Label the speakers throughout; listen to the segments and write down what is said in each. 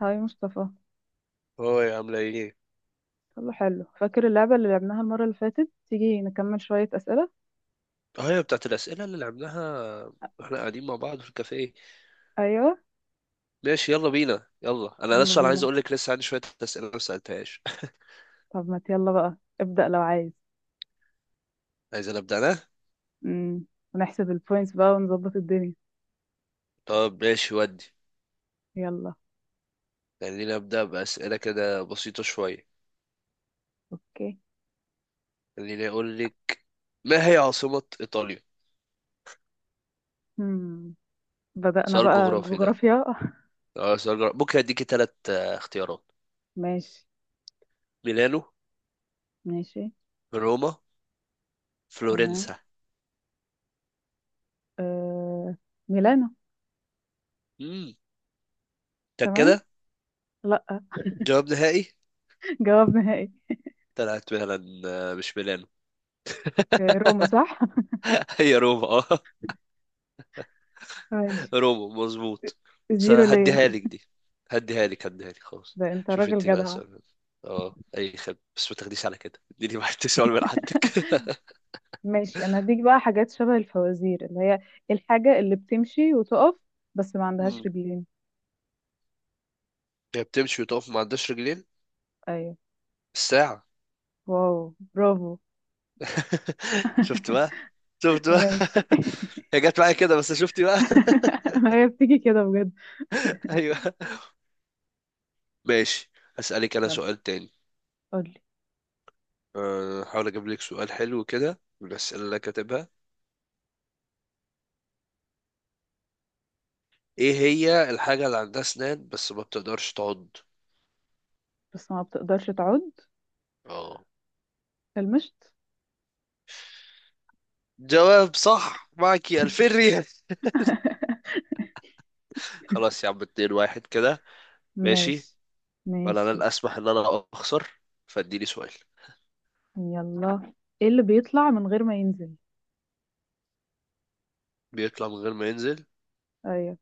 Speaker 1: هاي مصطفى.
Speaker 2: هو يا عاملة ايه؟
Speaker 1: يلا، حلو، فاكر اللعبة اللي لعبناها المرة اللي فاتت؟ تيجي نكمل شوية أسئلة؟
Speaker 2: اه، هي بتاعت الأسئلة اللي لعبناها واحنا قاعدين مع بعض في الكافيه.
Speaker 1: أيوة.
Speaker 2: ماشي، يلا بينا. يلا أنا
Speaker 1: يلا
Speaker 2: لسه أنا عايز
Speaker 1: بينا.
Speaker 2: أقول لك لسه عندي شوية أسئلة ما سألتهاش.
Speaker 1: طب ما يلا بقى، ابدأ لو عايز.
Speaker 2: عايز أنا أبدأ أنا؟
Speaker 1: امم ونحسب البوينتس بقى ونظبط الدنيا.
Speaker 2: طب ماشي، ودي
Speaker 1: يلا.
Speaker 2: خليني أبدأ بأسئلة كده بسيطة شوية.
Speaker 1: أوكي.
Speaker 2: خليني أقول لك، ما هي عاصمة إيطاليا؟
Speaker 1: امم بدأنا
Speaker 2: سؤال
Speaker 1: بقى
Speaker 2: جغرافي ده.
Speaker 1: جغرافيا.
Speaker 2: اه سؤال جغرافي، ممكن أديكي تلات اختيارات.
Speaker 1: ماشي.
Speaker 2: ميلانو،
Speaker 1: ماشي.
Speaker 2: روما،
Speaker 1: تمام.
Speaker 2: فلورنسا.
Speaker 1: آه... ميلانو.
Speaker 2: امم،
Speaker 1: تمام.
Speaker 2: كده
Speaker 1: لأ.
Speaker 2: جواب نهائي.
Speaker 1: جواب نهائي.
Speaker 2: طلعت فعلا مش ميلانو.
Speaker 1: روما صح.
Speaker 2: هي روما اه.
Speaker 1: ماشي.
Speaker 2: روبو مظبوط. بس
Speaker 1: زيرو ليا.
Speaker 2: هديها لك دي، هديها لك هديها لك خلاص.
Speaker 1: ده انت
Speaker 2: شوف
Speaker 1: راجل
Speaker 2: انت بقى
Speaker 1: جدع.
Speaker 2: السؤال. اه اي خد، بس ما تاخديش على كده، اديني واحد سؤال من عندك.
Speaker 1: ماشي، انا هديك بقى حاجات شبه الفوازير، اللي هي: الحاجة اللي بتمشي وتقف بس ما عندهاش
Speaker 2: مم.
Speaker 1: رجلين.
Speaker 2: هي بتمشي وتقف ما عندهاش رجلين،
Speaker 1: ايوه.
Speaker 2: الساعة.
Speaker 1: واو، برافو.
Speaker 2: شفت بقى، شفت بقى.
Speaker 1: ماشي.
Speaker 2: هي جت معايا كده، بس شفتي بقى.
Speaker 1: ما هي بتيجي كده بجد.
Speaker 2: ايوه، ماشي. اسالك انا
Speaker 1: يلا،
Speaker 2: سؤال تاني.
Speaker 1: قولي.
Speaker 2: هحاول اجيب لك سؤال حلو كده من الاسئله اللي أنا كاتبها. ايه هي الحاجه اللي عندها اسنان بس ما بتقدرش تعض؟
Speaker 1: بس ما بتقدرش تعود.
Speaker 2: اه،
Speaker 1: المشط.
Speaker 2: جواب صح، معك 2000 ريال. خلاص يا عم، 2 واحد كده. ماشي.
Speaker 1: ماشي.
Speaker 2: ولا انا
Speaker 1: ماشي.
Speaker 2: الاسمح ان انا اخسر، فاديني سؤال.
Speaker 1: يلا. ايه اللي بيطلع من غير ما ينزل؟
Speaker 2: بيطلع من غير ما ينزل؟
Speaker 1: ايوه.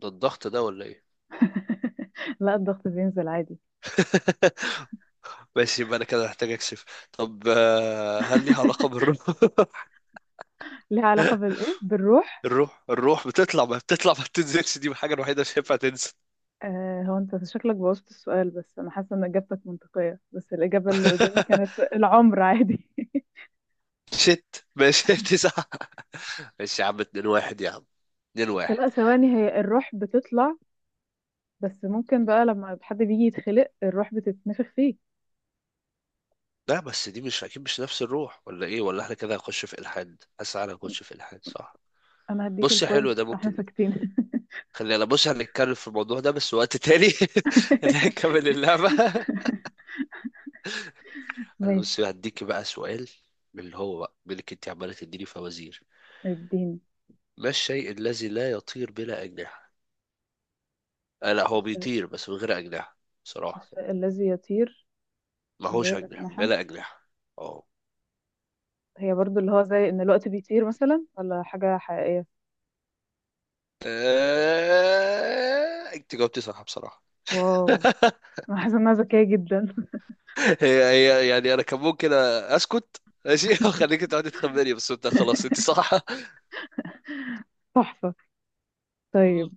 Speaker 2: ده الضغط ده ولا ايه؟
Speaker 1: لا، الضغط بينزل عادي.
Speaker 2: ماشي، يبقى انا كده محتاج اكشف. طب هل ليها علاقة بالروح؟
Speaker 1: ليها علاقة بالايه، بالروح.
Speaker 2: الروح، الروح بتطلع ما بتطلع ما بتنزلش، دي الحاجة الوحيدة اللي مش هينفع تنزل.
Speaker 1: آه، هو انت شكلك بوظت السؤال، بس انا حاسه ان اجابتك منطقيه، بس الاجابه اللي قدامي كانت العمر عادي.
Speaker 2: شت ماشي 9. ماشي يا عم، 2 واحد يا عم، 2 واحد.
Speaker 1: لا، ثواني، هي الروح بتطلع. بس ممكن بقى لما حد بيجي يتخلق الروح بتتنفخ فيه.
Speaker 2: لا بس دي مش اكيد مش نفس الروح ولا ايه، ولا احنا كده هنخش في الحاد؟ حاسس انا هنخش في الحاد، صح.
Speaker 1: انا هديك
Speaker 2: بص يا
Speaker 1: البوينت،
Speaker 2: حلو، ده
Speaker 1: احنا
Speaker 2: ممكن.
Speaker 1: ساكتين.
Speaker 2: خلينا بص هنتكلم في الموضوع ده بس وقت تاني. اللي هنكمل اللعبة. انا بص
Speaker 1: ماشي.
Speaker 2: هديك بقى سؤال، من اللي هو بقى منك انت عمالة تديني فوازير.
Speaker 1: اديني.
Speaker 2: ما الشيء الذي لا يطير بلا أجنحة؟ آه لا، هو
Speaker 1: الشيء
Speaker 2: بيطير بس من غير أجنحة. بصراحة
Speaker 1: الشيء الذي يطير
Speaker 2: ما
Speaker 1: من
Speaker 2: هوش
Speaker 1: غير
Speaker 2: أجنحة،
Speaker 1: أجنحة.
Speaker 2: بلا أجنحة. اه.
Speaker 1: هي برضو اللي هو زي ان الوقت بيطير مثلا، ولا حاجة حقيقية؟
Speaker 2: انت جاوبتي صح بصراحة.
Speaker 1: واو. انا حاسة انها ذكية جدا.
Speaker 2: هي هي يعني انا كان ممكن اسكت، ماشي، وخليك تقعدي تخمني، بس انت خلاص انت صح.
Speaker 1: تحفة. طيب.
Speaker 2: مم.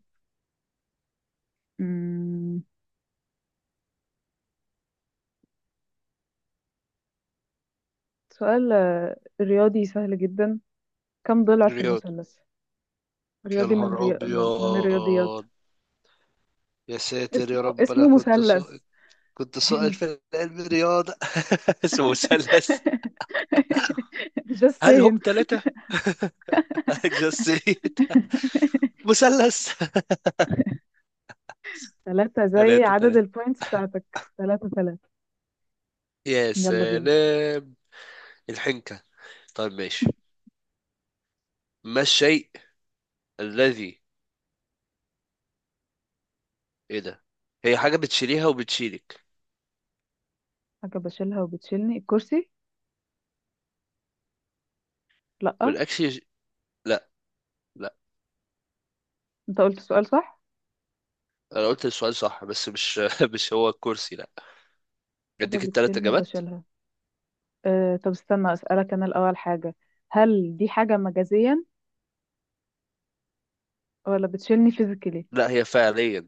Speaker 1: سؤال رياضي سهل جدا. كم ضلع في
Speaker 2: رياض.
Speaker 1: المثلث؟
Speaker 2: يا
Speaker 1: رياضي، من
Speaker 2: نهار
Speaker 1: ري... من من الرياضيات.
Speaker 2: ابيض، يا ساتر يا
Speaker 1: اسمه
Speaker 2: رب، انا
Speaker 1: اسمه
Speaker 2: كنت
Speaker 1: مثلث.
Speaker 2: سائل، كنت سائل
Speaker 1: هنت.
Speaker 2: في علم الرياضه. اسمه مثلث.
Speaker 1: just
Speaker 2: هل هم
Speaker 1: saying.
Speaker 2: ثلاثه؟ just three. مثلث.
Speaker 1: ثلاثة، زي
Speaker 2: ثلاثه
Speaker 1: عدد
Speaker 2: ثلاثه.
Speaker 1: البوينتس بتاعتك، ثلاثة ثلاثة.
Speaker 2: يا
Speaker 1: يلا بينا.
Speaker 2: سلام، الحنكه. طيب ماشي. ما الشيء الذي، ايه ده؟ هي حاجه بتشيليها وبتشيلك.
Speaker 1: حاجة بشيلها وبتشيلني، الكرسي؟ لأ.
Speaker 2: والاكل يش- لا.
Speaker 1: انت قلت السؤال صح.
Speaker 2: انا قلت السؤال صح، بس مش مش هو الكرسي، لا.
Speaker 1: حاجة
Speaker 2: اديك التلات
Speaker 1: بتشيلني
Speaker 2: اجابات
Speaker 1: وبشيلها. أه، طب استنى أسألك أنا الأول حاجة. هل دي حاجة مجازيا، ولا بتشيلني فيزيكالي؟
Speaker 2: لا، هي فعليا.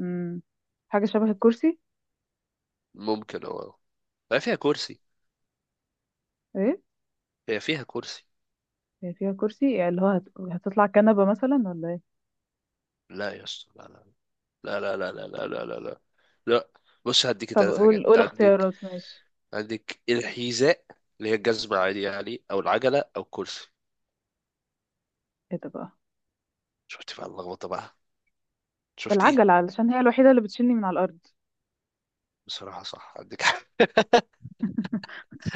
Speaker 1: امم حاجة شبه الكرسي.
Speaker 2: ممكن هو، هي فيها كرسي،
Speaker 1: ايه.
Speaker 2: هي فيها كرسي.
Speaker 1: هي فيها كرسي يعني اللي هو هتطلع كنبة مثلا ولا ايه؟
Speaker 2: لا يا اسطى، لا لا لا لا لا لا لا لا لا لا. لا. بص هديك
Speaker 1: طب
Speaker 2: تلات
Speaker 1: قول
Speaker 2: حاجات
Speaker 1: قول
Speaker 2: عندك.
Speaker 1: اختيارات، ماشي.
Speaker 2: عندك الحذاء اللي هي الجزمة عادي يعني، او العجلة، او الكرسي.
Speaker 1: ايه ده بقى!
Speaker 2: شفت بقى اللخبطة بقى، شفت ايه.
Speaker 1: العجلة، علشان هي الوحيدة اللي بتشيلني من على الأرض.
Speaker 2: بصراحة صح، عندك حق.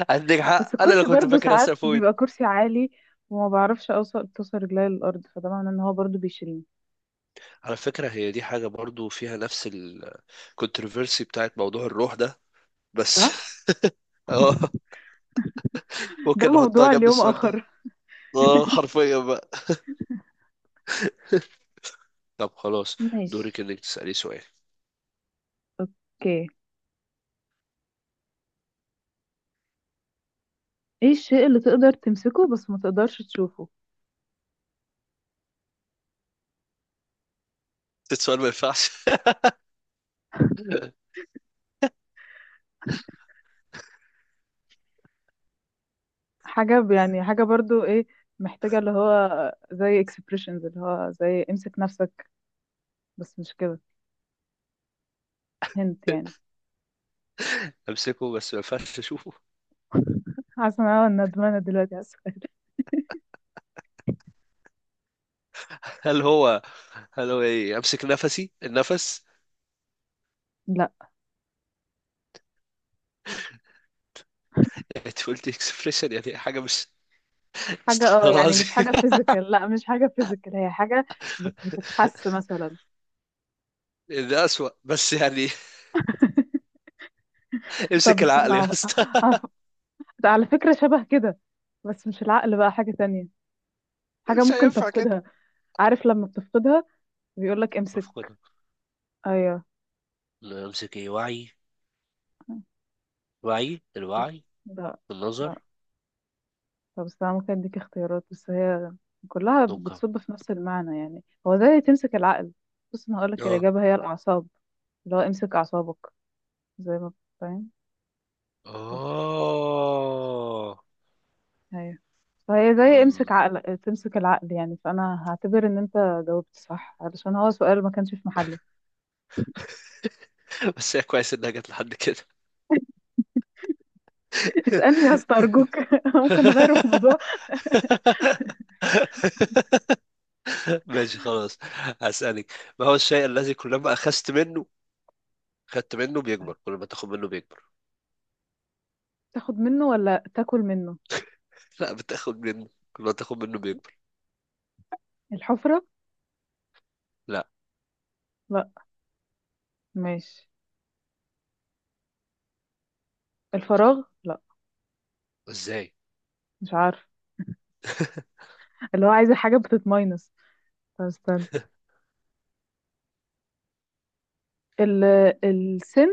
Speaker 2: عندك
Speaker 1: بس
Speaker 2: حق، انا اللي
Speaker 1: الكرسي
Speaker 2: كنت
Speaker 1: برضو
Speaker 2: فاكر
Speaker 1: ساعات
Speaker 2: اسال فويد.
Speaker 1: بيبقى كرسي عالي، وما بعرفش اوصل توصل رجلي للأرض، فده معناه ان هو برضو بيشيلني.
Speaker 2: على فكرة، هي دي حاجة برضو فيها نفس الكونتروفيرسي بتاعت موضوع الروح ده، بس
Speaker 1: صح.
Speaker 2: اه.
Speaker 1: ده
Speaker 2: ممكن نحطها
Speaker 1: موضوع
Speaker 2: جنب
Speaker 1: اليوم
Speaker 2: السؤال
Speaker 1: آخر.
Speaker 2: ده. اه حرفيا بقى. طب خلاص، دورك
Speaker 1: ماشي.
Speaker 2: انك تسألي سؤال.
Speaker 1: اوكي. ايه الشيء اللي تقدر تمسكه بس ما تقدرش تشوفه؟
Speaker 2: السؤال ما ينفعش.
Speaker 1: حاجة يعني حاجة برضو ايه، محتاجة اللي هو زي expressions، اللي هو زي امسك نفسك، بس مش كده. هنت يعني.
Speaker 2: امسكه بس ما ينفعش اشوفه؟
Speaker 1: حاسه ان انا ندمانه دلوقتي على السؤال.
Speaker 2: هل هو هل هو ايه، امسك نفسي، النفس؟
Speaker 1: لا،
Speaker 2: انت قلت اكسبريشن يعني حاجه مش،
Speaker 1: حاجه
Speaker 2: استغفر الله
Speaker 1: يعني مش
Speaker 2: العظيم.
Speaker 1: حاجه فيزيكال، لا مش حاجه فيزيكال، هي حاجه بتتحس مثلا.
Speaker 2: ده اسوأ بس يعني.
Speaker 1: طب
Speaker 2: امسك
Speaker 1: استنى،
Speaker 2: العقل يا اسطى.
Speaker 1: هف- على فكره شبه كده، بس مش العقل بقى، حاجه تانية. حاجه
Speaker 2: مش
Speaker 1: ممكن
Speaker 2: هينفع كده.
Speaker 1: تفقدها، عارف لما بتفقدها، بيقول لك امسك.
Speaker 2: بفقدها؟
Speaker 1: ايوه.
Speaker 2: امسك ايه، وعي؟ وعي،
Speaker 1: لا،
Speaker 2: الوعي.
Speaker 1: لا،
Speaker 2: النظر.
Speaker 1: لا. طب استنى، ممكن اديك اختيارات بس هي كلها
Speaker 2: توقع.
Speaker 1: بتصب في نفس المعنى، يعني هو زي تمسك العقل. بص، انا هقول لك
Speaker 2: اه.
Speaker 1: الاجابه هي الاعصاب، اللي هو امسك اعصابك، زي ما... فاهم. بس.
Speaker 2: اه.
Speaker 1: ايوه. فهي زي امسك
Speaker 2: مم.
Speaker 1: عقل، تمسك العقل، يعني فانا هعتبر ان انت جاوبت صح علشان هو سؤال ما كانش في محله.
Speaker 2: بس هي كويس انها جت لحد كده.
Speaker 1: اسألني يا اسطى ارجوك. ممكن نغير الموضوع.
Speaker 2: ماشي خلاص، هسألك. ما هو الشيء الذي كلما أخذت منه، خدت منه
Speaker 1: طيب.
Speaker 2: بيكبر، كل ما تاخد منه بيكبر.
Speaker 1: تاخد منه ولا تاكل منه؟
Speaker 2: لا بتاخد منه، كل ما تاخد منه بيكبر.
Speaker 1: الحفرة.
Speaker 2: لا.
Speaker 1: لا. ماشي. الفراغ؟ لا.
Speaker 2: ازاي؟
Speaker 1: مش عارف. اللي هو عايزة حاجة بتتماينس. طب استنى، ال... السن.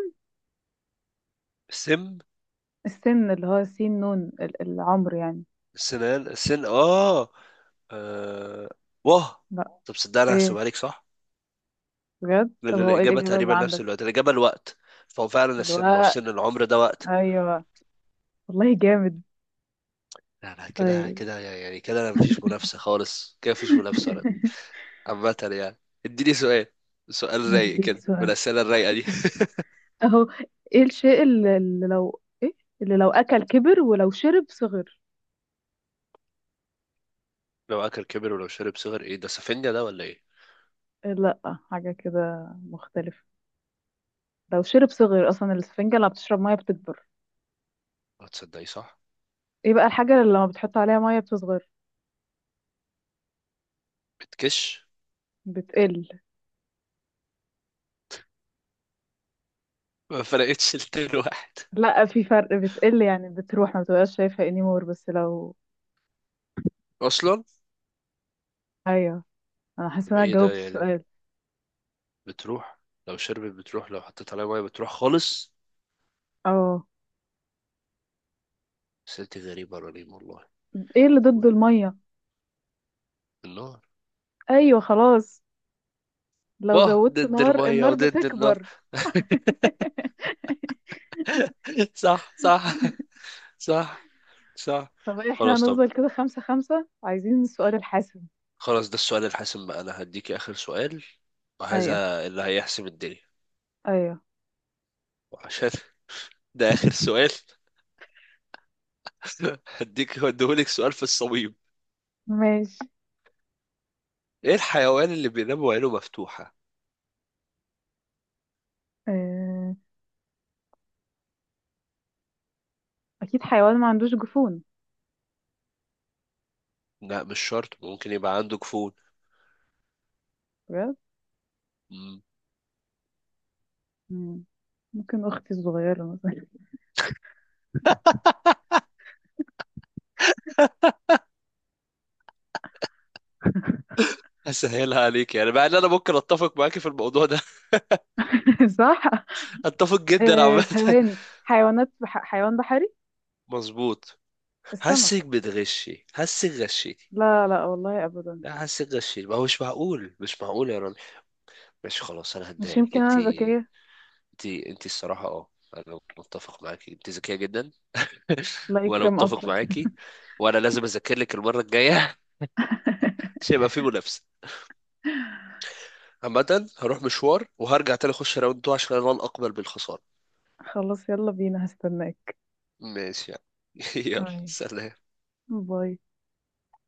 Speaker 2: سم.
Speaker 1: السن اللي هو سين نون، العمر يعني.
Speaker 2: سنان، سن، اه. آه، واه.
Speaker 1: لا.
Speaker 2: طب صدق، انا
Speaker 1: ايه،
Speaker 2: هحسبها لك صح.
Speaker 1: بجد؟ طب
Speaker 2: لان
Speaker 1: هو ايه
Speaker 2: الاجابه
Speaker 1: الإجابة اللي
Speaker 2: تقريبا نفس
Speaker 1: عندك؟
Speaker 2: الوقت، الاجابه الوقت، فهو فعلا السن، ما هو
Speaker 1: الوقت.
Speaker 2: سن العمر ده وقت.
Speaker 1: ايوه. والله جامد.
Speaker 2: لا لا، كده
Speaker 1: طيب.
Speaker 2: كده يعني، كده انا مفيش منافسة خالص، كده مفيش منافسة ولا دي. عامة يعني. اديني سؤال، سؤال رايق
Speaker 1: هديك
Speaker 2: كده من
Speaker 1: سؤال.
Speaker 2: الأسئلة الرايقة دي.
Speaker 1: اهو. ايه الشيء اللي لو ايه، اللي لو اكل كبر، ولو شرب صغر.
Speaker 2: لو أكل كبر ولو شرب صغر، ايه ده، سفنجة ده ولا ايه؟
Speaker 1: إيه، لا، حاجة كده مختلفة. لو شرب صغر، اصلا الاسفنجة لما بتشرب مية بتكبر.
Speaker 2: هتصدقي صح؟
Speaker 1: ايه بقى الحاجة اللي لما بتحط عليها مية بتصغر؟
Speaker 2: بتكش.
Speaker 1: بتقل.
Speaker 2: ما فرقتش التين واحد.
Speaker 1: لا، في فرق، بتقل يعني بتروح ما بتبقاش شايفها انيمور. بس لو...
Speaker 2: أصلا.
Speaker 1: ايوه. انا حاسة
Speaker 2: طب
Speaker 1: ان انا
Speaker 2: ايه ده
Speaker 1: جاوبت
Speaker 2: يعني،
Speaker 1: السؤال.
Speaker 2: بتروح؟ لو شربت بتروح، لو حطيت عليها مية بتروح خالص.
Speaker 1: اه،
Speaker 2: سألتي غريبة رنيم والله.
Speaker 1: ايه اللي
Speaker 2: و-
Speaker 1: ضد المية؟
Speaker 2: النار.
Speaker 1: ايوه، خلاص. لو
Speaker 2: واه،
Speaker 1: زودت
Speaker 2: ضد
Speaker 1: نار،
Speaker 2: المية
Speaker 1: النار
Speaker 2: وضد النار.
Speaker 1: بتكبر.
Speaker 2: صح صح، صح صح.
Speaker 1: طب احنا
Speaker 2: خلاص، طب
Speaker 1: هنفضل كده 5-5، عايزين السؤال الحاسم.
Speaker 2: خلاص، ده السؤال الحاسم بقى، انا هديك اخر سؤال،
Speaker 1: ايوه.
Speaker 2: وهذا اللي هيحسم الدنيا.
Speaker 1: ايوه.
Speaker 2: وعشان ده اخر سؤال، هديهولك سؤال في الصميم.
Speaker 1: ماشي.
Speaker 2: ايه الحيوان اللي بينام وعينه مفتوحة؟
Speaker 1: اه... اكيد حيوان ما عندوش جفون.
Speaker 2: لا مش شرط، ممكن يبقى عنده جفون.
Speaker 1: بجد؟
Speaker 2: مم.
Speaker 1: مم. ممكن اختي الصغيرة مثلا.
Speaker 2: هسهلها عليك يعني، مع ان انا ممكن اتفق معاكي في الموضوع ده.
Speaker 1: صح.
Speaker 2: اتفق جدا
Speaker 1: اه...
Speaker 2: عامة.
Speaker 1: ثواني، حيوانات حيوان بحري.
Speaker 2: مظبوط.
Speaker 1: السمك.
Speaker 2: حاسك بتغشي، حاسك غشيتي.
Speaker 1: لا لا، والله ابدا.
Speaker 2: لا حاسك غشيتي، ما هو مش معقول، مش معقول يا رامي. ماشي خلاص، انا هديها
Speaker 1: مش
Speaker 2: لك.
Speaker 1: يمكن
Speaker 2: انت
Speaker 1: انا ذكية.
Speaker 2: انت الصراحة اه، انا متفق معاكي، انت ذكية جدا.
Speaker 1: لا
Speaker 2: وانا
Speaker 1: يكرم
Speaker 2: متفق
Speaker 1: اصلك.
Speaker 2: معاكي، وانا لازم اذاكر لك المرة الجاية عشان يبقى في منافسة. عامة هروح مشوار وهرجع تاني، اخش راوند 2، عشان انا لن اقبل بالخسارة.
Speaker 1: خلاص، يلا بينا، هستناك.
Speaker 2: ماشي يعني. يلا
Speaker 1: ماشي.
Speaker 2: سلام.
Speaker 1: باي.